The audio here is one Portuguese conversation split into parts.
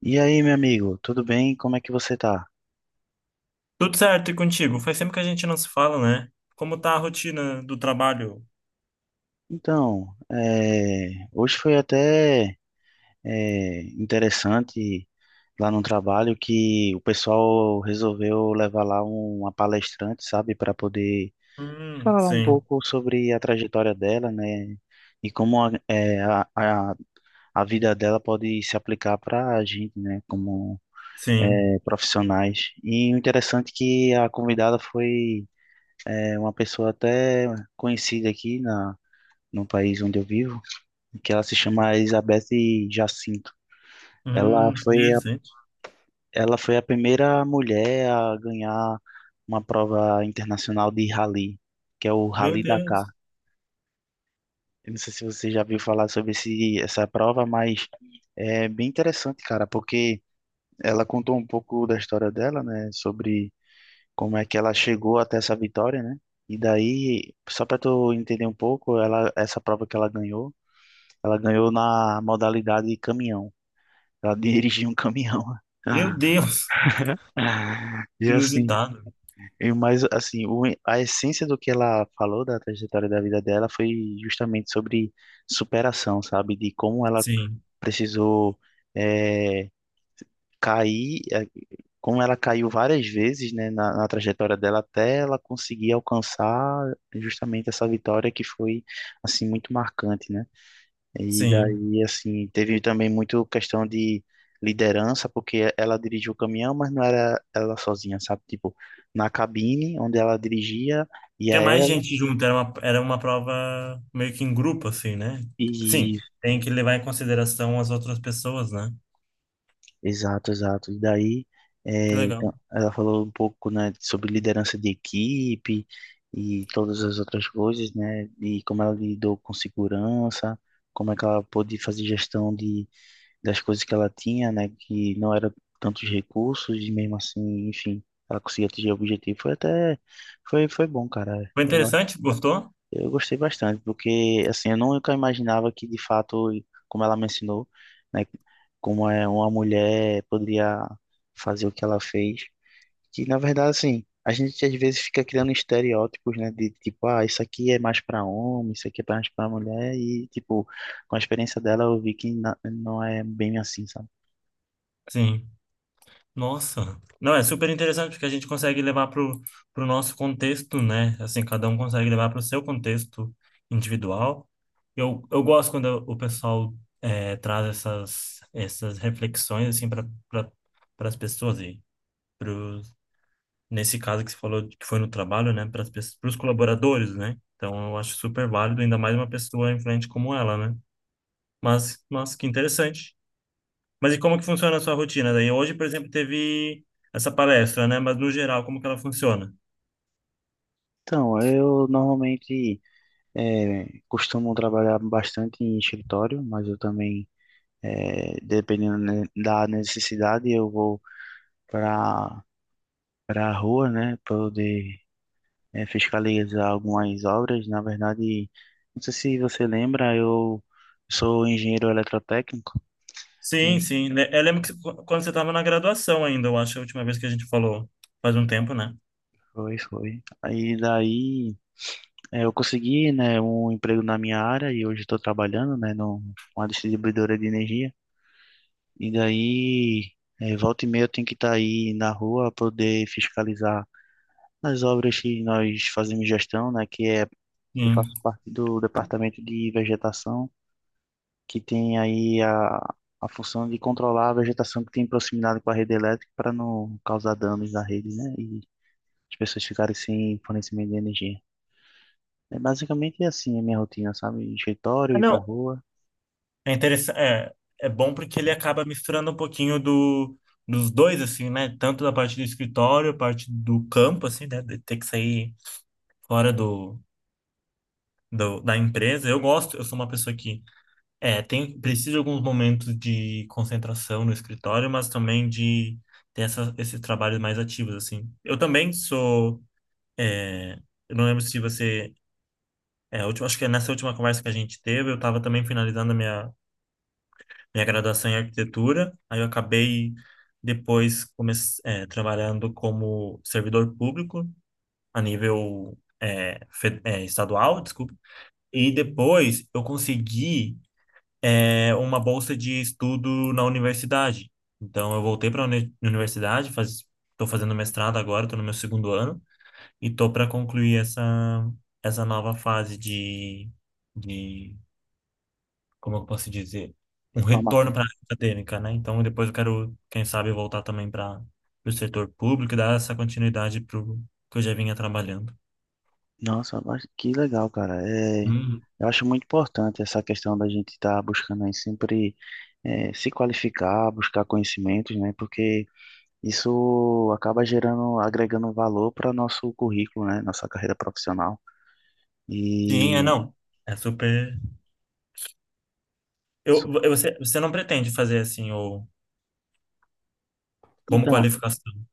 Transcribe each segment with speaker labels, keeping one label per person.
Speaker 1: E aí, meu amigo, tudo bem? Como é que você tá?
Speaker 2: Tudo certo e contigo? Faz tempo que a gente não se fala, né? Como tá a rotina do trabalho?
Speaker 1: Então, hoje foi até interessante lá no trabalho que o pessoal resolveu levar lá uma palestrante, sabe, para poder
Speaker 2: Hum,
Speaker 1: falar um
Speaker 2: sim,
Speaker 1: pouco sobre a trajetória dela, né? E como a, é, a vida dela pode se aplicar para a gente, né? Como
Speaker 2: sim.
Speaker 1: profissionais. E o interessante é que a convidada foi. É uma pessoa até conhecida no país onde eu vivo, que ela se chama Elizabeth Jacinto. Ela foi a,
Speaker 2: Interessante.
Speaker 1: ela foi a primeira mulher a ganhar uma prova internacional de rally, que é o
Speaker 2: Meu
Speaker 1: Rally Dakar.
Speaker 2: Deus.
Speaker 1: Eu não sei se você já viu falar sobre essa prova, mas é bem interessante, cara, porque ela contou um pouco da história dela, né, sobre como é que ela chegou até essa vitória, né? E daí, só para tu entender um pouco, ela, essa prova que ela ganhou na modalidade caminhão. Ela dirigiu um caminhão.
Speaker 2: Meu Deus.
Speaker 1: E assim,
Speaker 2: Inusitado.
Speaker 1: e mais assim, a essência do que ela falou da trajetória da vida dela foi justamente sobre superação, sabe? De como ela
Speaker 2: Sim,
Speaker 1: precisou eh, cair. Como ela caiu várias vezes, né, na trajetória dela até ela conseguir alcançar justamente essa vitória que foi assim muito marcante, né? E
Speaker 2: sim,
Speaker 1: daí assim teve também muito questão de liderança, porque ela dirigiu o caminhão, mas não era ela sozinha, sabe? Tipo, na cabine onde ela dirigia ia
Speaker 2: tinha mais
Speaker 1: ela
Speaker 2: gente junto, era era uma prova meio que em grupo, assim, né? Sim,
Speaker 1: e
Speaker 2: tem que levar em consideração as outras pessoas, né?
Speaker 1: Exato, exato. E daí,
Speaker 2: Que
Speaker 1: é,
Speaker 2: legal.
Speaker 1: então, ela falou um pouco, né, sobre liderança de equipe e todas as outras coisas, né, e como ela lidou com segurança, como é que ela pôde fazer gestão de, das coisas que ela tinha, né, que não era tantos recursos e mesmo assim, enfim, ela conseguia atingir o objetivo. Foi até, foi bom, cara.
Speaker 2: Foi
Speaker 1: Eu
Speaker 2: interessante? Gostou?
Speaker 1: eu gostei bastante, porque assim, eu nunca imaginava que de fato, como ela me ensinou, né, como é uma mulher poderia fazer o que ela fez. Que na verdade, assim, a gente às vezes fica criando estereótipos, né, de tipo, ah, isso aqui é mais para homem, isso aqui é mais para mulher e tipo, com a experiência dela eu vi que não é bem assim, sabe?
Speaker 2: Sim. Nossa, não, é super interessante porque a gente consegue levar pro nosso contexto, né? Assim, cada um consegue levar pro seu contexto individual. Eu gosto quando o pessoal traz essas reflexões, assim, para pra, as pessoas e pros, nesse caso que você falou que foi no trabalho, né? Para os colaboradores, né? Então, eu acho super válido, ainda mais uma pessoa influente como ela, né? Mas, nossa, que interessante. Mas e como que funciona a sua rotina daí? Hoje, por exemplo, teve essa palestra, né? Mas no geral, como que ela funciona?
Speaker 1: Então, eu normalmente costumo trabalhar bastante em escritório, mas eu também É, dependendo da necessidade, eu vou para para a rua, né, poder fiscalizar algumas obras. Na verdade, não sei se você lembra, eu sou engenheiro eletrotécnico.
Speaker 2: Sim,
Speaker 1: E
Speaker 2: sim. Eu lembro que quando você estava na graduação ainda, eu acho, a última vez que a gente falou, faz um tempo, né?
Speaker 1: foi, foi. Aí daí é, eu consegui, né, um emprego na minha área e hoje estou trabalhando, né, numa distribuidora de energia. E daí, é, volta e meia eu tenho que estar aí na rua para poder fiscalizar as obras que nós fazemos gestão, né, que é Eu
Speaker 2: Sim.
Speaker 1: faço parte do departamento de vegetação, que tem a função de controlar a vegetação que tem proximidade com a rede elétrica para não causar danos na rede, né? E as pessoas ficarem sem fornecimento de energia. É basicamente assim a minha rotina, sabe? Escritório,
Speaker 2: Ah,
Speaker 1: ir pra
Speaker 2: não.
Speaker 1: rua,
Speaker 2: É interessante, é, é bom porque ele acaba misturando um pouquinho dos dois, assim, né? Tanto da parte do escritório, a parte do campo, assim, né? De ter que sair fora do, da empresa. Eu gosto, eu sou uma pessoa que é, tem, precisa de alguns momentos de concentração no escritório, mas também de ter esses trabalhos mais ativos, assim. Eu também sou, é, eu não lembro se você, é, a última, acho que é nessa última conversa que a gente teve, eu estava também finalizando a minha graduação em arquitetura, aí eu acabei depois é, trabalhando como servidor público a nível é, é, estadual, desculpa, e depois eu consegui uma bolsa de estudo na universidade. Então, eu voltei para a universidade, estou fazendo mestrado agora, estou no meu segundo ano, e estou para concluir essa nova fase de, como eu posso dizer,
Speaker 1: de
Speaker 2: um
Speaker 1: forma...
Speaker 2: retorno para a área acadêmica, né? Então, depois eu quero, quem sabe, voltar também para o setor público e dar essa continuidade para o que eu já vinha trabalhando.
Speaker 1: Nossa, mas que legal, cara. É...
Speaker 2: Uhum.
Speaker 1: Eu acho muito importante essa questão da gente estar buscando aí sempre se qualificar, buscar conhecimentos, né? Porque isso acaba gerando, agregando valor para nosso currículo, né? Nossa carreira profissional.
Speaker 2: Sim, é
Speaker 1: E
Speaker 2: não. É super.
Speaker 1: su-
Speaker 2: Você não pretende fazer assim, ou como
Speaker 1: então,
Speaker 2: qualificação?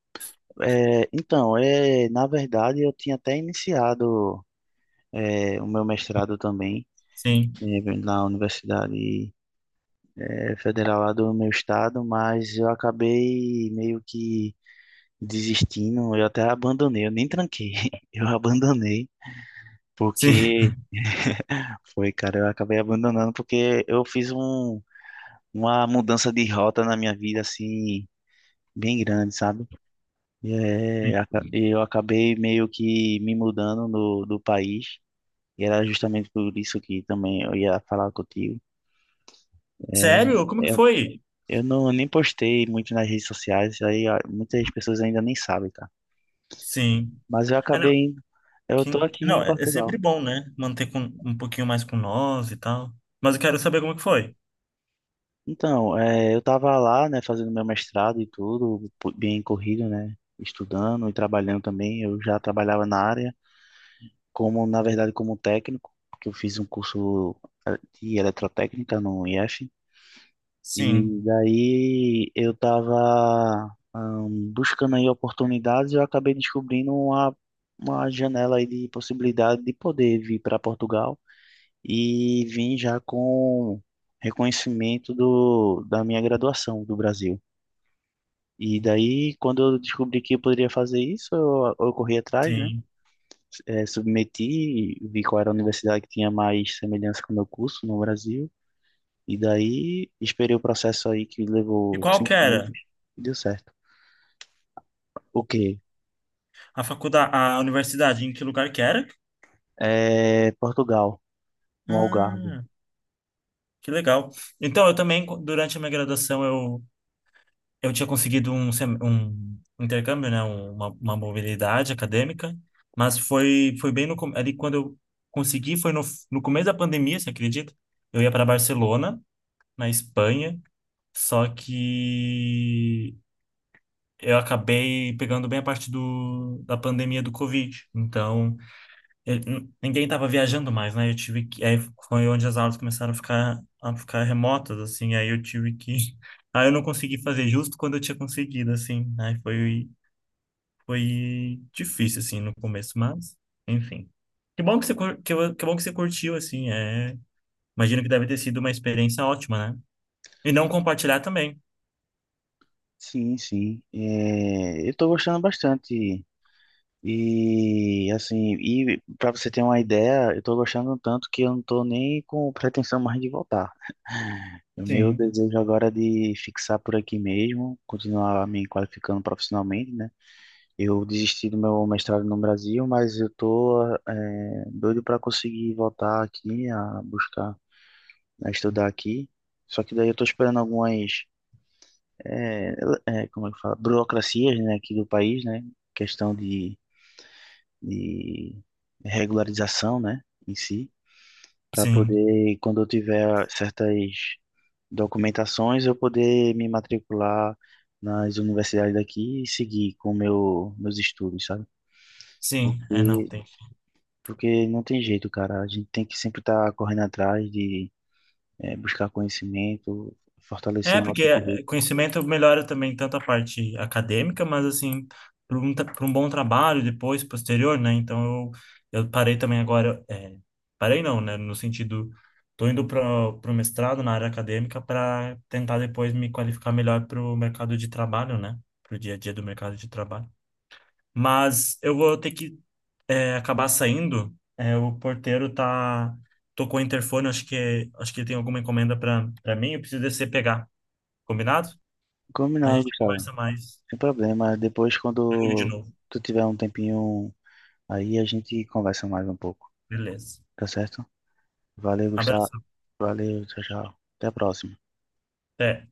Speaker 1: na verdade, eu tinha até iniciado é, o meu mestrado também
Speaker 2: Sim.
Speaker 1: é, na Universidade é, Federal lá do meu estado, mas eu acabei meio que desistindo. Eu até abandonei, eu nem tranquei, eu abandonei
Speaker 2: Sim.
Speaker 1: porque foi, cara, eu acabei abandonando porque eu fiz uma mudança de rota na minha vida, assim, bem grande, sabe? Eu acabei meio que me mudando do país, e era justamente por isso que também eu ia falar contigo. É,
Speaker 2: Sério? Como que
Speaker 1: eu,
Speaker 2: foi?
Speaker 1: eu não, nem postei muito nas redes sociais, aí ah, muitas pessoas ainda nem sabem, tá?
Speaker 2: Sim.
Speaker 1: Mas eu
Speaker 2: Ah,
Speaker 1: acabei,
Speaker 2: não.
Speaker 1: eu tô aqui
Speaker 2: Não,
Speaker 1: em
Speaker 2: é
Speaker 1: Portugal.
Speaker 2: sempre bom, né? Manter com um pouquinho mais com nós e tal. Mas eu quero saber como que foi.
Speaker 1: Então, é, eu tava lá, né, fazendo meu mestrado e tudo, bem corrido, né? Estudando e trabalhando também, eu já trabalhava na área. Como na verdade como técnico, porque eu fiz um curso de eletrotécnica no IF,
Speaker 2: Sim,
Speaker 1: e daí eu estava buscando aí oportunidades e eu acabei descobrindo uma janela aí de possibilidade de poder vir para Portugal e vim já com reconhecimento da minha graduação do Brasil. E daí, quando eu descobri que eu poderia fazer isso, eu corri atrás, né?
Speaker 2: sim.
Speaker 1: Submeti, vi qual era a universidade que tinha mais semelhança com o meu curso no Brasil, e daí esperei o processo aí que
Speaker 2: E
Speaker 1: levou
Speaker 2: qual que
Speaker 1: 5 meses
Speaker 2: era?
Speaker 1: e deu certo. O quê?
Speaker 2: A faculdade, a universidade, em que lugar que era?
Speaker 1: É, Portugal, no Algarve.
Speaker 2: Ah, que legal. Então, eu também, durante a minha graduação, eu tinha conseguido um, um intercâmbio, né? Uma mobilidade acadêmica, mas foi, foi bem no, ali quando eu consegui, foi no começo da pandemia, você acredita? Eu ia para Barcelona, na Espanha, só que eu acabei pegando bem a parte do, da pandemia do Covid. Então, ninguém estava viajando mais, né? Eu tive que, aí foi onde as aulas começaram a ficar remotas, assim. Aí eu tive que, aí eu não consegui fazer justo quando eu tinha conseguido, assim. Aí foi difícil assim no começo, mas enfim. Que bom que você que bom que você curtiu, assim. É, imagino que deve ter sido uma experiência ótima, né? E não compartilhar também.
Speaker 1: Sim, sim. É, eu tô gostando bastante. E assim, e para você ter uma ideia, eu tô gostando tanto que eu não tô nem com pretensão mais de voltar. O meu
Speaker 2: Sim.
Speaker 1: desejo agora é de fixar por aqui mesmo, continuar me qualificando profissionalmente, né? Eu desisti do meu mestrado no Brasil, mas eu tô é, doido para conseguir voltar aqui a buscar, a estudar aqui. Só que daí eu tô esperando é, como é que fala, burocracias, né, aqui do país, né, questão de regularização, né, em si, para
Speaker 2: Sim,
Speaker 1: poder, quando eu tiver certas documentações, eu poder me matricular nas universidades daqui e seguir com meus estudos, sabe?
Speaker 2: sim. É, não
Speaker 1: Porque
Speaker 2: tem.
Speaker 1: Porque não tem jeito, cara. A gente tem que sempre estar correndo atrás de buscar conhecimento, fortalecer
Speaker 2: É,
Speaker 1: o
Speaker 2: porque
Speaker 1: nosso currículo.
Speaker 2: conhecimento melhora também tanto a parte acadêmica, mas assim, para um, pra um bom trabalho depois, posterior, né? Então eu parei também agora, é, parei não, né? No sentido, tô indo para o mestrado na área acadêmica para tentar depois me qualificar melhor para o mercado de trabalho, né? Para o dia a dia do mercado de trabalho. Mas eu vou ter que é, acabar saindo, é, o porteiro tocou o interfone, acho que tem alguma encomenda para mim, eu preciso descer e pegar. Combinado? A
Speaker 1: Combinado,
Speaker 2: gente
Speaker 1: Gustavo.
Speaker 2: conversa mais
Speaker 1: Sem problema. Depois,
Speaker 2: comigo de
Speaker 1: quando
Speaker 2: novo.
Speaker 1: tu tiver um tempinho aí, a gente conversa mais um pouco.
Speaker 2: Beleza.
Speaker 1: Tá certo? Valeu, Gustavo.
Speaker 2: Abração.
Speaker 1: Valeu, tchau, tchau. Até a próxima.
Speaker 2: Até.